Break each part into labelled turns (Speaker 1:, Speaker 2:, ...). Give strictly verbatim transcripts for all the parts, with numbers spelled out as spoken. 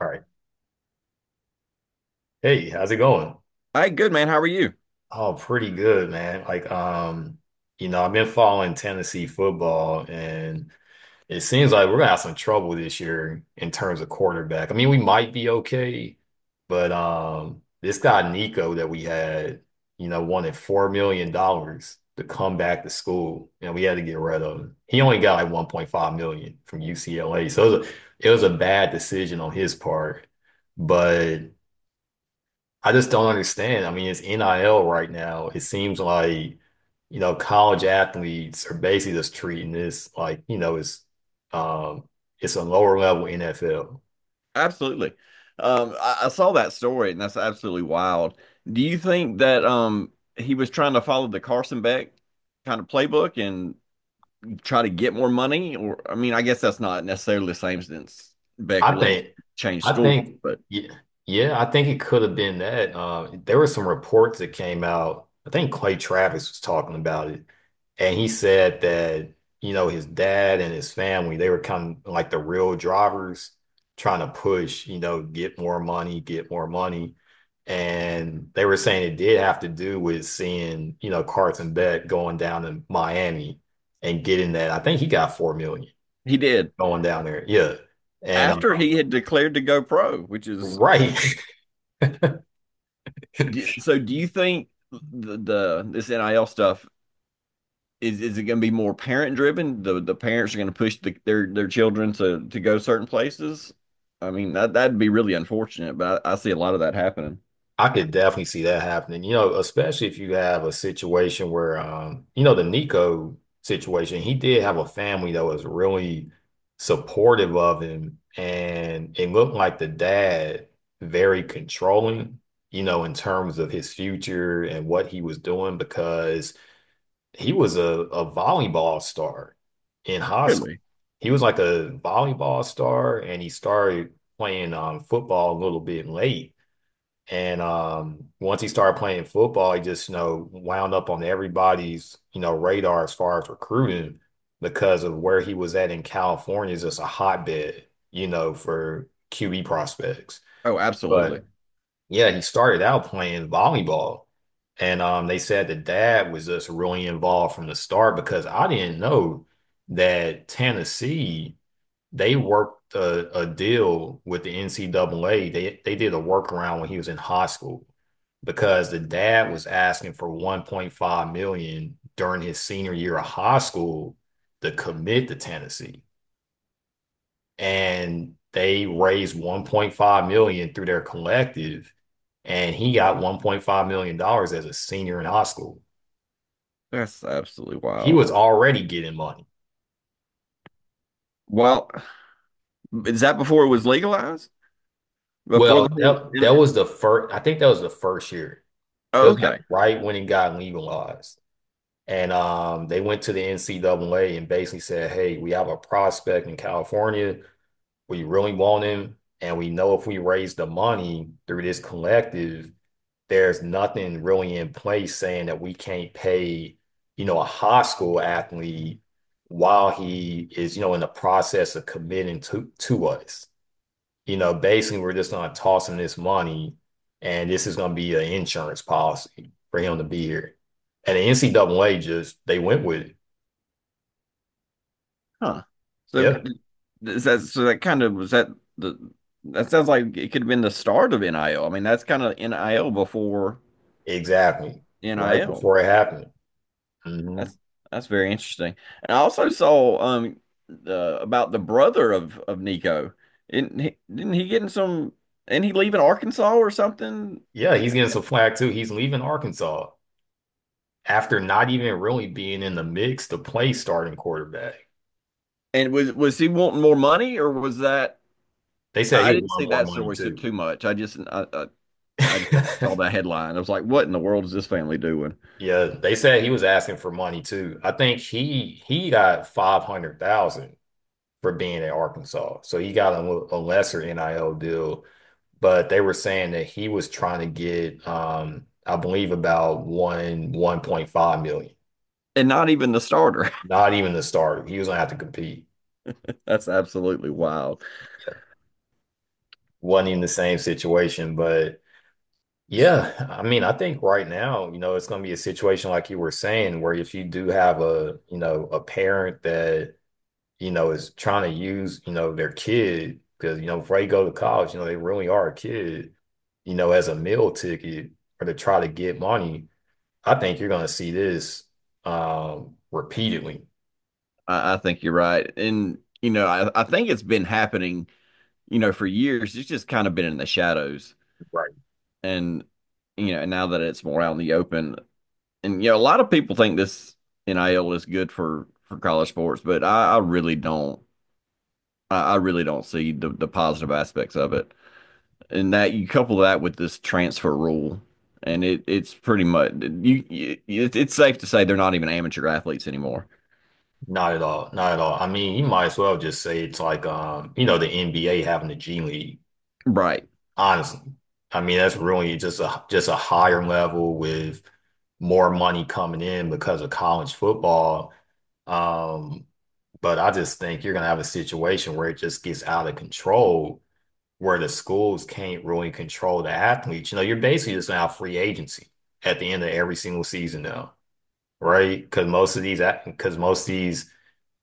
Speaker 1: All right. Hey, how's it going?
Speaker 2: Hey, good man. How are you?
Speaker 1: Oh, pretty good, man. Like, um, you know, I've been following Tennessee football, and it seems like we're gonna have some trouble this year in terms of quarterback. I mean, we might be okay, but um, this guy Nico that we had, you know, wanted four million dollars to come back to school, and we had to get rid of him. He only got like one point five million from U C L A, so it was a, it was a bad decision on his part, but. I just don't understand. I mean, it's N I L right now. It seems like, you know, college athletes are basically just treating this like, you know, it's um it's a lower level N F L.
Speaker 2: Absolutely. Um, I, I saw that story, and that's absolutely wild. Do you think that um he was trying to follow the Carson Beck kind of playbook and try to get more money? Or I mean, I guess that's not necessarily the same since Beck
Speaker 1: I
Speaker 2: left,
Speaker 1: think,
Speaker 2: changed
Speaker 1: I
Speaker 2: schools,
Speaker 1: think,
Speaker 2: but
Speaker 1: yeah, yeah, I think it could have been that. Uh, there were some reports that came out. I think Clay Travis was talking about it, and he said that, you know, his dad and his family, they were kind of like the real drivers trying to push, you know, get more money, get more money. And they were saying it did have to do with seeing, you know, Carson Beck going down to Miami and getting that. I think he got four million
Speaker 2: he did
Speaker 1: going down there. Yeah. And
Speaker 2: after he had declared to go pro, which is
Speaker 1: Right.
Speaker 2: d- so. Do you think the, the this N I L stuff? is is it going to be more parent driven? The the parents are going to push the, their their children to to go certain places. I mean that that'd be really unfortunate, but I, I see a lot of that happening.
Speaker 1: I could definitely see that happening, you know, especially if you have a situation where, um, you know, the Nico situation, he did have a family that was really supportive of him, and it looked like the dad very controlling, you know, in terms of his future and what he was doing because he was a, a volleyball star in high school.
Speaker 2: Really?
Speaker 1: He was like a volleyball star, and he started playing um, football a little bit late and um, once he started playing football, he just, you know, wound up on everybody's, you know, radar as far as recruiting because of where he was at in California is just a hotbed, you know, for Q B prospects.
Speaker 2: Oh, absolutely.
Speaker 1: But yeah, he started out playing volleyball. And um, they said the dad was just really involved from the start because I didn't know that Tennessee they worked a, a deal with the N C A A. They they did a workaround when he was in high school because the dad was asking for one point five million dollars during his senior year of high school to commit to Tennessee. And they raised one point five million dollars through their collective and he got one point five million dollars as a senior in high school.
Speaker 2: That's absolutely
Speaker 1: He
Speaker 2: wild.
Speaker 1: was already getting money.
Speaker 2: Well, is that before it was legalized? Before
Speaker 1: Well,
Speaker 2: the whole?
Speaker 1: that,
Speaker 2: In,
Speaker 1: that was the first I think that was the first year. It
Speaker 2: oh,
Speaker 1: was like
Speaker 2: okay.
Speaker 1: right when it got legalized. And um, they went to the N C A A and basically said, hey, we have a prospect in California. We really want him. And we know if we raise the money through this collective, there's nothing really in place saying that we can't pay, you know, a high school athlete while he is, you know, in the process of committing to to us, you know, basically we're just gonna toss him this money and this is gonna be an insurance policy for him to be here. And the N C A A just they went with it.
Speaker 2: Huh. So
Speaker 1: Yep,
Speaker 2: is that, so that kind of, was that the, that sounds like it could have been the start of N I L. I L. I mean, that's kind of N I L before
Speaker 1: exactly. Right
Speaker 2: N I L.
Speaker 1: before it happened. hmm
Speaker 2: That's that's very interesting. And I also saw um the about the brother of of Nico. Didn't he, didn't he get in some and he leaving Arkansas or something?
Speaker 1: Yeah, he's getting some flack too. He's leaving Arkansas after not even really being in the mix to play starting quarterback.
Speaker 2: And was was he wanting more money or was that?
Speaker 1: They said he
Speaker 2: I
Speaker 1: was
Speaker 2: didn't see
Speaker 1: wanting more
Speaker 2: that
Speaker 1: money
Speaker 2: story so
Speaker 1: too.
Speaker 2: too much. I just I, I I just saw that headline. I was like, what in the world is this family doing?
Speaker 1: Yeah, they said he was asking for money too. I think he he got five hundred thousand for being at Arkansas. So he got a a lesser N I L deal, but they were saying that he was trying to get, um, I believe, about one 1.5 million.
Speaker 2: And not even the starter.
Speaker 1: Not even the starter. He was gonna have to compete.
Speaker 2: That's absolutely wild.
Speaker 1: Wasn't even the same situation, but
Speaker 2: S-
Speaker 1: yeah, I mean, I think right now, you know, it's gonna be a situation like you were saying, where if you do have a, you know, a parent that you know, is trying to use, you know, their kid because, you know, before they go to college, you know, they really are a kid, you know, as a meal ticket or to try to get money. I think you're going to see this um, repeatedly.
Speaker 2: I, I think you're right. And you know, I, I think it's been happening, you know, for years. It's just kind of been in the shadows
Speaker 1: Right.
Speaker 2: and you know, and now that it's more out in the open, and you know, a lot of people think this N I L is good for for college sports, but I, I really don't. I, I really don't see the the positive aspects of it. And that you couple that with this transfer rule, and it it's pretty much you. you it, it's safe to say they're not even amateur athletes anymore,
Speaker 1: Not at all. Not at all. I mean, you might as well just say it's like, um, you know, the N B A having the G League.
Speaker 2: right?
Speaker 1: Honestly, I mean, that's really just a just a higher level with more money coming in because of college football. Um, but I just think you're gonna have a situation where it just gets out of control, where the schools can't really control the athletes. You know, you're basically just gonna have free agency at the end of every single season now, right? Because most of these because most of these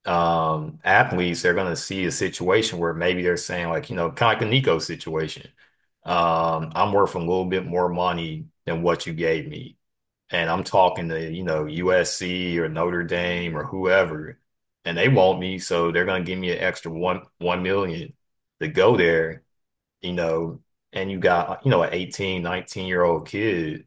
Speaker 1: um athletes, they're going to see a situation where maybe they're saying, like, you know, kind of like the Nico situation, um I'm worth a little bit more money than what you gave me and I'm talking to, you know, U S C or Notre Dame or whoever and they want me so they're going to give me an extra one one million to go there, you know, and you got, you know, an eighteen, nineteen year old kid,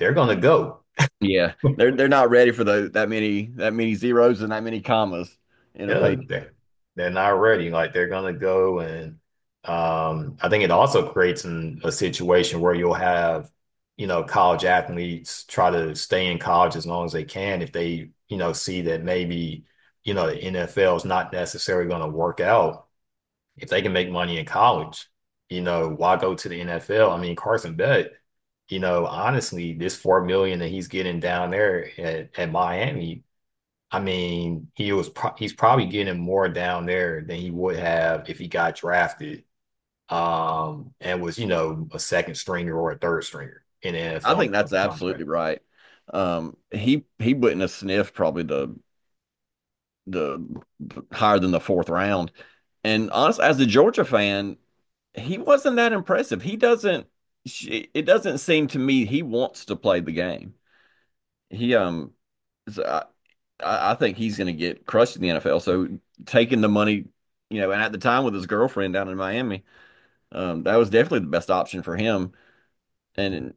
Speaker 1: they're going to go.
Speaker 2: Yeah, they're they're not ready for the that many that many zeros and that many commas in a
Speaker 1: Yeah,
Speaker 2: pay.
Speaker 1: they're, they're not ready. Like they're gonna go and um, I think it also creates an, a situation where you'll have, you know, college athletes try to stay in college as long as they can if they, you know, see that maybe, you know, the N F L is not necessarily going to work out. If they can make money in college, you know, why go to the N F L? I mean, Carson Beck, you know, honestly, this four million that he's getting down there at, at Miami, I mean, he was pro he's probably getting more down there than he would have if he got drafted, um, and was, you know, a second stringer or a third stringer in the
Speaker 2: I
Speaker 1: N F L
Speaker 2: think that's
Speaker 1: contract.
Speaker 2: absolutely right. Um, he he wouldn't have sniffed probably the the higher than the fourth round. And honestly, as a Georgia fan, he wasn't that impressive. He doesn't. sh- It doesn't seem to me he wants to play the game. He um, so I I I think he's going to get crushed in the N F L. So taking the money, you know, and at the time with his girlfriend down in Miami, um, that was definitely the best option for him. And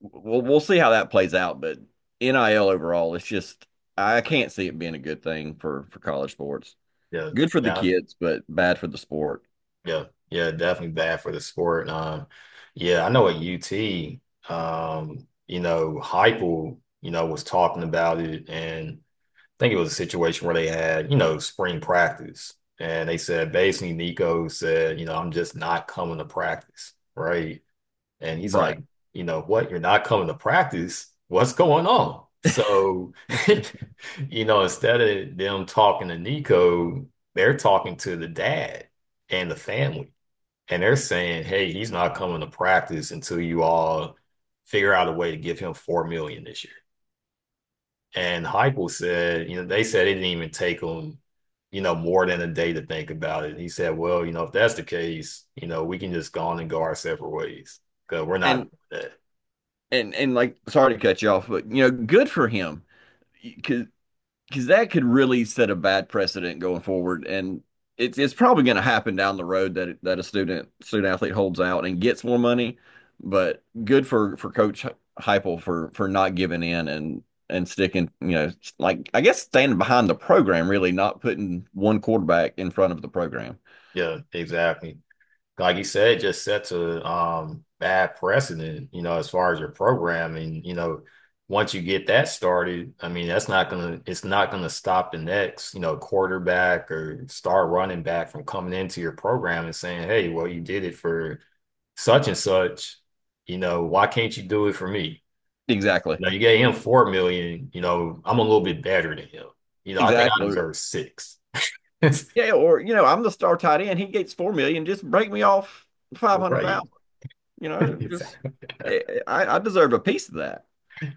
Speaker 2: we'll we'll see how that plays out, but N I L overall, it's just I can't see it being a good thing for for college sports.
Speaker 1: Yeah,
Speaker 2: Good for the
Speaker 1: yeah,
Speaker 2: kids, but bad for the sport.
Speaker 1: yeah, yeah, definitely bad for the sport. Um, yeah, I know at U T, um, you know, Heupel, you know, was talking about it, and I think it was a situation where they had, you know, spring practice, and they said basically Nico said, you know, I'm just not coming to practice, right? And he's like,
Speaker 2: Right.
Speaker 1: you know what? You're not coming to practice. What's going on? So, you know, instead of them talking to Nico, they're talking to the dad and the family. And they're saying, hey, he's not coming to practice until you all figure out a way to give him four million dollars this year. And Heupel said, you know, they said it didn't even take him, you know, more than a day to think about it. And he said, well, you know, if that's the case, you know, we can just go on and go our separate ways because we're not
Speaker 2: And
Speaker 1: doing that.
Speaker 2: and and like, sorry to cut you off, but you know, good for him. Because because that could really set a bad precedent going forward, and it's it's probably going to happen down the road that it- that a student student athlete holds out and gets more money. But good for for Coach Heupel for for not giving in and and sticking, you know, like I guess standing behind the program, really not putting one quarterback in front of the program.
Speaker 1: Yeah, exactly. Like you said, just sets a um bad precedent, you know, as far as your programming, you know, once you get that started, I mean, that's not gonna it's not gonna stop the next, you know, quarterback or star running back from coming into your program and saying, hey, well, you did it for such and such, you know, why can't you do it for me?
Speaker 2: Exactly,
Speaker 1: Now you gave him four million, you know, I'm a little bit better than him. You know, I think I
Speaker 2: exactly.
Speaker 1: deserve six.
Speaker 2: Yeah, or you know, I'm the star tight end. He gets four million. Just break me off five hundred
Speaker 1: Right.
Speaker 2: thousand. You know, just
Speaker 1: Exactly.
Speaker 2: eh, eh, I, I deserve a piece of that.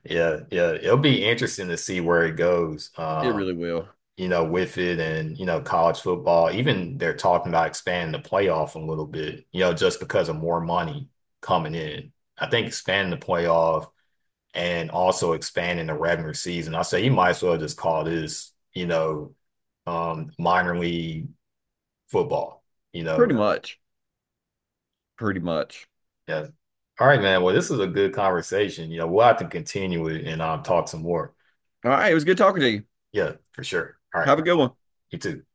Speaker 1: Yeah, yeah. It'll be interesting to see where it goes,
Speaker 2: It
Speaker 1: um,
Speaker 2: really will.
Speaker 1: you know, with it and, you know, college football. Even they're talking about expanding the playoff a little bit, you know, just because of more money coming in. I think expanding the playoff and also expanding the regular season. I say you might as well just call this, you know, um, minor league football, you
Speaker 2: Pretty
Speaker 1: know.
Speaker 2: much. Pretty much.
Speaker 1: Yeah. All right, man. Well, this is a good conversation. You know, we'll have to continue it and um, talk some more.
Speaker 2: All right. It was good talking to you.
Speaker 1: Yeah, for sure. All right.
Speaker 2: Have a good one.
Speaker 1: You too.